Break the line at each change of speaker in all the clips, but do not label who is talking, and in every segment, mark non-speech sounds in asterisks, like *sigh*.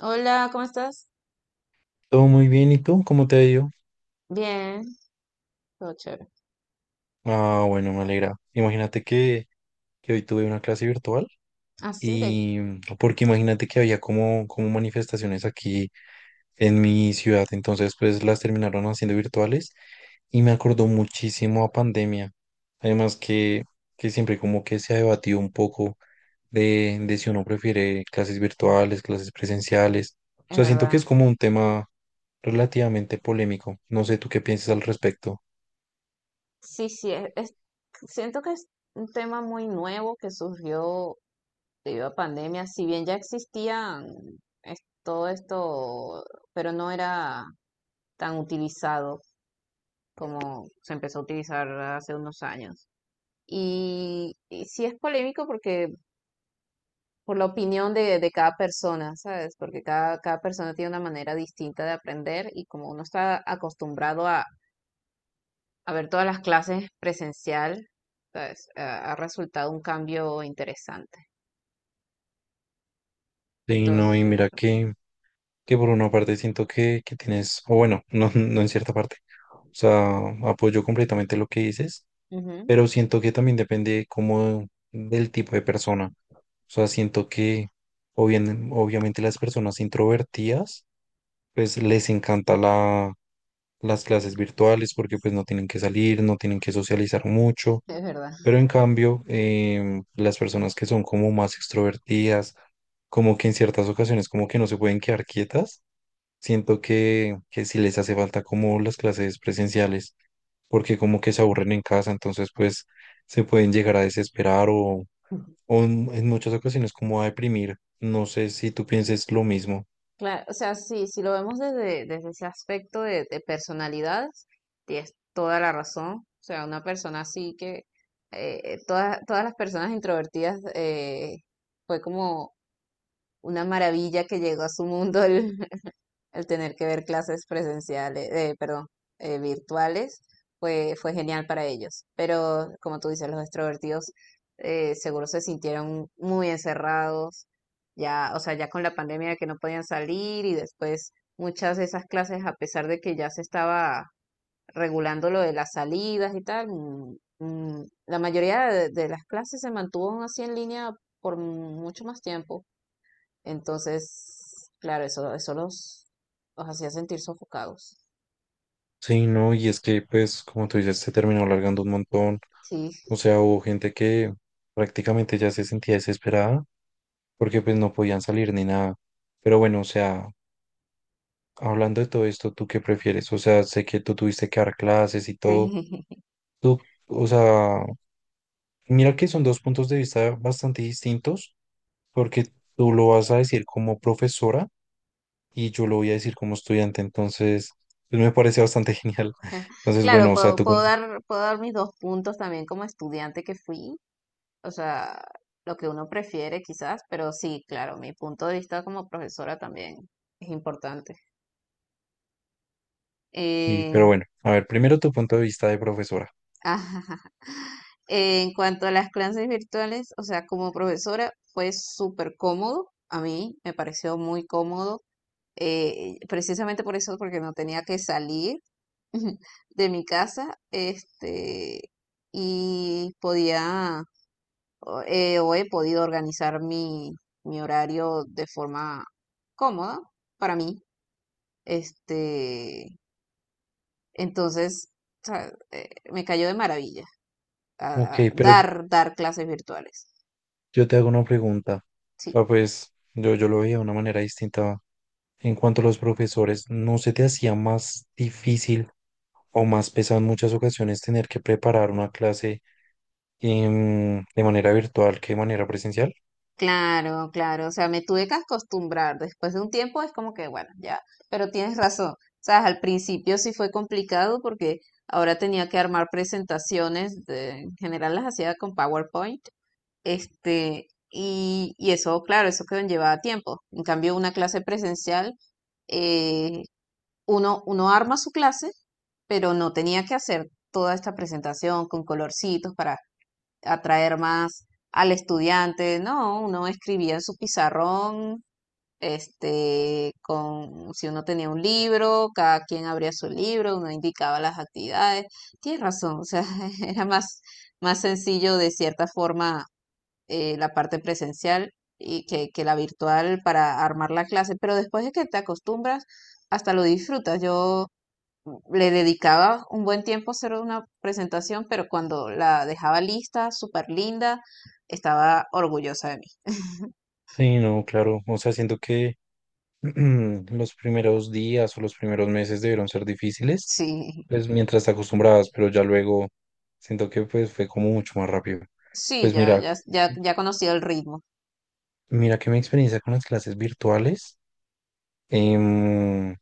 Hola, ¿cómo estás?
Todo muy bien, ¿y tú? ¿Cómo te ha ido?
Bien, todo chévere.
Ah, bueno, me alegra. Imagínate que hoy tuve una clase virtual
Así de,
y porque imagínate que había como manifestaciones aquí en mi ciudad, entonces pues las terminaron haciendo virtuales y me acordó muchísimo a pandemia. Además que siempre como que se ha debatido un poco de si uno prefiere clases virtuales, clases presenciales. O
es
sea, siento que es
verdad.
como un tema relativamente polémico. No sé tú qué piensas al respecto.
Sí, siento que es un tema muy nuevo que surgió debido a pandemia, si bien ya existían todo esto, pero no era tan utilizado como se empezó a utilizar hace unos años. Y sí es polémico porque por la opinión de cada persona, ¿sabes? Porque cada persona tiene una manera distinta de aprender y como uno está acostumbrado a ver todas las clases presencial, pues, ha resultado un cambio interesante.
Sí, no, y
Entonces,
mira que por una parte siento que tienes, o bueno, *laughs* no, no en cierta parte, o sea, apoyo completamente lo que dices,
ujú,
pero siento que también depende como del tipo de persona, o sea, siento que obviamente las personas introvertidas, pues les encanta las clases virtuales porque pues no tienen que salir, no tienen que socializar mucho,
es verdad.
pero en cambio, las personas que son como más extrovertidas, como que en ciertas ocasiones como que no se pueden quedar quietas, siento que sí les hace falta como las clases presenciales, porque como que se aburren en casa, entonces pues se pueden llegar a desesperar o en muchas ocasiones como a deprimir. No sé si tú pienses lo mismo.
Claro, o sea, sí, si lo vemos desde, desde ese aspecto de personalidades, tienes toda la razón. O sea, una persona así que todas, todas las personas introvertidas fue como una maravilla que llegó a su mundo el tener que ver clases presenciales, perdón, virtuales, fue genial para ellos. Pero como tú dices, los extrovertidos seguro se sintieron muy encerrados, ya, o sea, ya con la pandemia de que no podían salir y después muchas de esas clases, a pesar de que ya se estaba regulando lo de las salidas y tal, la mayoría de las clases se mantuvo aún así en línea por mucho más tiempo. Entonces, claro, eso los hacía sentir sofocados.
Sí, no, y es que pues como tú dices, se terminó alargando un montón.
Sí,
O sea, hubo gente que prácticamente ya se sentía desesperada porque pues no podían salir ni nada. Pero bueno, o sea, hablando de todo esto, ¿tú qué prefieres? O sea, sé que tú tuviste que dar clases y todo.
sí.
Tú, o sea, mira que son dos puntos de vista bastante distintos, porque tú lo vas a decir como profesora y yo lo voy a decir como estudiante, entonces, pues me parece bastante *laughs* genial.
*laughs*
Entonces,
Claro,
bueno, o sea, tú como...
puedo dar mis dos puntos también como estudiante que fui. O sea, lo que uno prefiere quizás, pero sí, claro, mi punto de vista como profesora también es importante.
Y, pero
Eh,
bueno, a ver, primero tu punto de vista de profesora.
*laughs* ajá. En cuanto a las clases virtuales, o sea, como profesora fue súper cómodo. A mí me pareció muy cómodo precisamente por eso, porque no tenía que salir *laughs* de mi casa, este, y podía, o he podido organizar mi, mi horario de forma cómoda para mí, este, entonces, o sea, me cayó de maravilla
Ok,
a
pero
dar, dar clases virtuales,
yo te hago una pregunta.
sí.
Ah, pues yo lo veía de una manera distinta en cuanto a los profesores. ¿No se te hacía más difícil o más pesado en muchas ocasiones tener que preparar una clase de manera virtual que de manera presencial?
Claro, claro, o sea, me tuve que acostumbrar. Después de un tiempo es como que, bueno, ya, pero tienes razón. O sea, al principio sí fue complicado porque ahora tenía que armar presentaciones, en general las hacía con PowerPoint, este, y eso, claro, eso que llevaba tiempo. En cambio, una clase presencial, eh, uno, uno arma su clase, pero no tenía que hacer toda esta presentación con colorcitos para atraer más al estudiante. No, uno escribía en su pizarrón, este, con, si uno tenía un libro, cada quien abría su libro, uno indicaba las actividades. Tienes razón, o sea, *laughs* era más, más sencillo de cierta forma la parte presencial y que la virtual para armar la clase, pero después de que te acostumbras, hasta lo disfrutas. Yo le dedicaba un buen tiempo a hacer una presentación, pero cuando la dejaba lista, súper linda, estaba orgullosa de mí.
Sí, no, claro. O sea, siento que *clears throat* los primeros días o los primeros meses debieron ser difíciles,
Sí,
pues mientras te acostumbrabas, pero ya luego siento que pues fue como mucho más rápido.
sí,
Pues mira.
ya conocía el ritmo.
Mira que mi experiencia con las clases virtuales, em,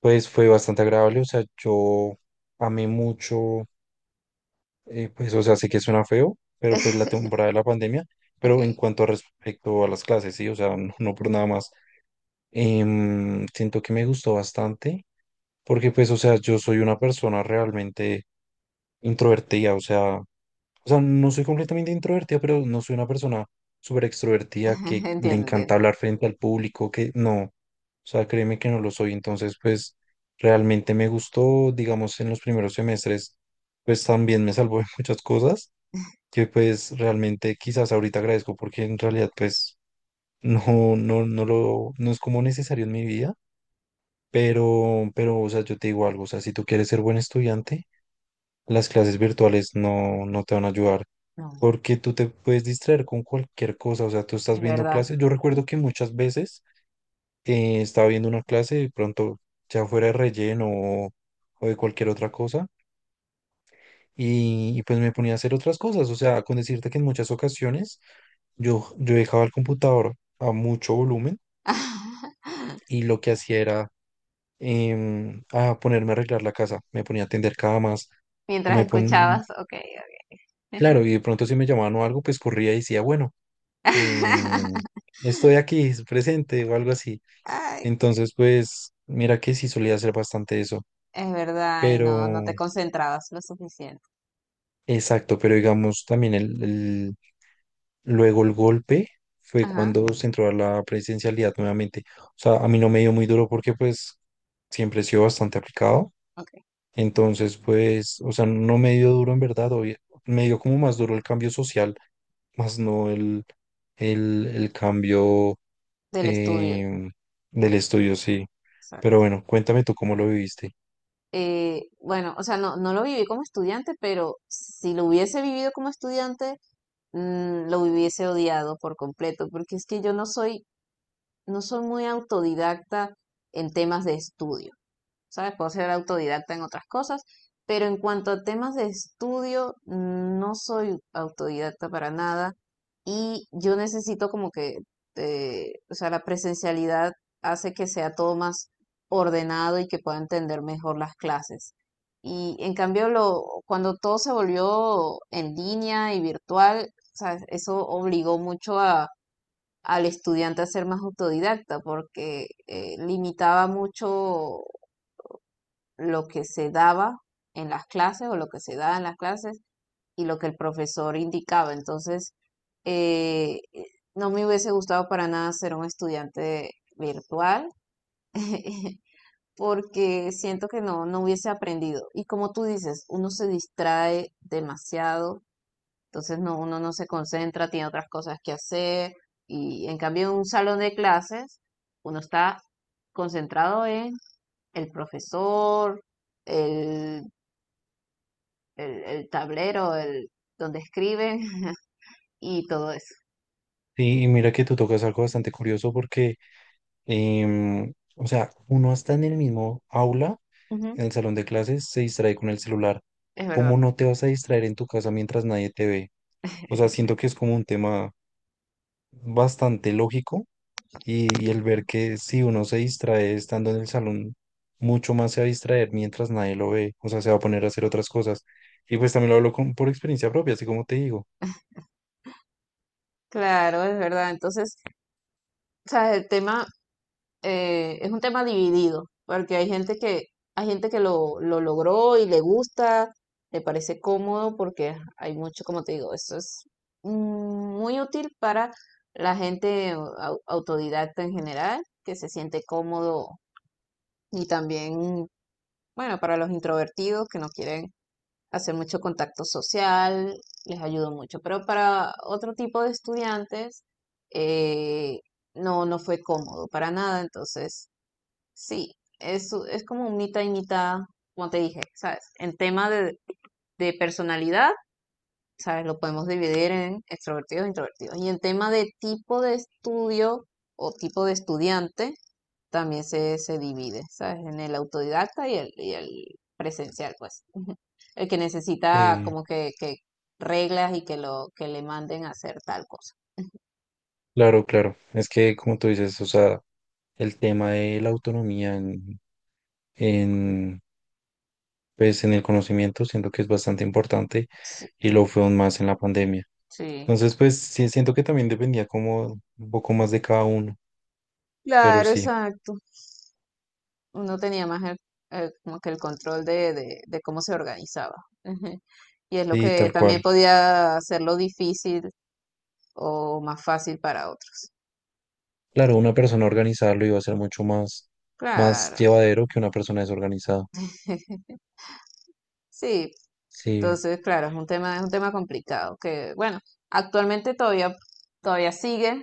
pues fue bastante agradable, o sea, yo amé mucho, pues, o sea, sé que suena feo, pero pues la
*laughs*
temporada de la pandemia,
Ok,
pero en cuanto a respecto a las clases, sí, o sea, no, no por nada más, siento que me gustó bastante, porque pues, o sea, yo soy una persona realmente introvertida, o sea, o sea, no soy completamente introvertida, pero no soy una persona súper extrovertida que
*laughs*
le
entiendo, entiendo.
encanta hablar frente al público, que no. O sea, créeme que no lo soy. Entonces, pues realmente me gustó, digamos, en los primeros semestres, pues también me salvó *laughs* de muchas cosas que pues realmente quizás ahorita agradezco porque en realidad pues no es como necesario en mi vida. Pero, o sea, yo te digo algo, o sea, si tú quieres ser buen estudiante, las clases virtuales no te van a ayudar
No,
porque tú te puedes distraer con cualquier cosa, o sea, tú estás
es
viendo
verdad.
clases, yo recuerdo que muchas veces estaba viendo una clase de pronto ya fuera de relleno o de cualquier otra cosa y pues me ponía a hacer otras cosas, o sea, con decirte que en muchas ocasiones yo dejaba el computador a mucho volumen
*laughs*
y lo que hacía era em, a ponerme a arreglar la casa, me ponía a tender camas, o
Mientras
me pon...
escuchabas, ok. Ok.
claro, y de pronto si me llamaban o algo, pues corría y decía, bueno, em,
*laughs*
estoy aquí, *laughs* presente o algo así.
Ay, qué-
Entonces, pues, mira que sí solía hacer bastante eso,
es verdad, y no, no te
pero,
concentrabas lo suficiente.
exacto, pero digamos también luego el golpe fue
Ajá,
cuando se entró a la presencialidad nuevamente. O sea, a mí no me dio muy duro porque pues siempre he sido bastante aplicado.
ok.
Entonces, pues, o sea, no me dio duro en verdad, me dio como más duro el cambio social, más no el cambio.
Del estudio.
eh, del estudio, sí. Pero bueno, cuéntame tú cómo lo viviste.
Bueno, o sea, no, no lo viví como estudiante, pero si lo hubiese vivido como estudiante, mm, lo hubiese odiado por completo, porque es que yo no soy, no soy muy autodidacta en temas de estudio. ¿Sabes? Puedo ser autodidacta en otras cosas, pero en cuanto a temas de estudio, no soy autodidacta para nada y yo necesito como que, o sea, la presencialidad hace que sea todo más ordenado y que pueda entender mejor las clases. Y en cambio, lo, cuando todo se volvió en línea y virtual, ¿sabes? Eso obligó mucho a, al estudiante a ser más autodidacta porque limitaba mucho lo que se daba en las clases o lo que se daba en las clases y lo que el profesor indicaba. Entonces, eh, eh, no me hubiese gustado para nada ser un estudiante virtual *laughs* porque siento que no, no hubiese aprendido. Y como tú dices, uno se distrae demasiado, entonces no, uno no se concentra, tiene otras cosas que hacer y en cambio en un salón de clases uno está concentrado en el profesor, el el tablero, el donde escriben *laughs* y todo eso.
Sí, y mira que tú tocas algo bastante curioso porque, o sea, uno está en el mismo aula,
Ujú,
en el salón de clases, se distrae con el celular.
es
¿Cómo
verdad.
no te vas a distraer en tu casa mientras nadie te ve? O sea, siento que es como un tema bastante lógico. Y el ver que si uno se distrae estando en el salón, mucho más se va a distraer mientras nadie lo ve, o sea, se va a poner a hacer otras cosas. Y pues también lo hablo con, por experiencia propia, así como te digo.
Claro, es verdad. Entonces, o sea, el tema es un tema dividido, porque hay gente que lo logró y le gusta, le parece cómodo, porque hay mucho, como te digo, eso es mm, muy útil para la gente autodidacta en general, que se siente cómodo y también, bueno, para los introvertidos que no quieren hacer mucho contacto social, les ayudó mucho, pero para otro tipo de estudiantes eh, no, no fue cómodo para nada, entonces sí, es como un mitad y mitad, como te dije, ¿sabes? En tema de personalidad, ¿sabes? Lo podemos dividir en extrovertidos e introvertidos, y en tema de tipo de estudio o tipo de estudiante, también se divide, ¿sabes? En el autodidacta y el presencial, pues el que necesita
Eh,
como que reglas y que lo que le manden a hacer tal cosa.
claro, claro, es que como tú dices, o sea, el tema de la autonomía en, pues, en el conocimiento siento que es bastante importante
Sí,
y lo fue aún más en la pandemia.
sí.
Entonces, pues sí, siento que también dependía como un poco más de cada uno, pero
Claro,
sí,
exacto. Uno tenía más el, como que el control de cómo se organizaba. Ujú. Y es lo
sí,
que
tal
también
cual.
podía hacerlo difícil o más fácil para otros.
Claro, una persona organizada lo iba a hacer más
Claro.
llevadero que una persona desorganizada.
*laughs* Sí,
Sí,
entonces, claro, es un tema complicado que, bueno, actualmente todavía, todavía sigue,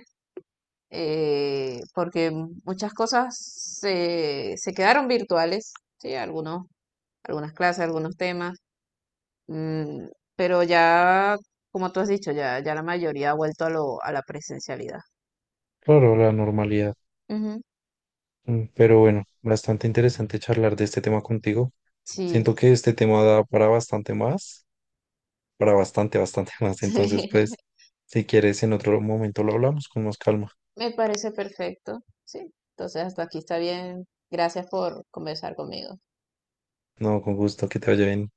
porque muchas cosas se, se quedaron virtuales, ¿sí? Algunas clases, algunos temas, mm, pero ya, como tú has dicho, ya la mayoría ha vuelto a lo, a la presencialidad.
claro, la normalidad.
Ujú,
Mm, pero bueno, bastante interesante charlar de este tema contigo.
sí,
Siento que este tema da para bastante más, para bastante *laughs*
*laughs*
más. Entonces,
sí,
pues, si quieres, en otro momento lo hablamos con más calma.
me parece perfecto, sí. Entonces, hasta aquí está bien. Gracias por conversar conmigo.
No, con gusto, que te vaya bien.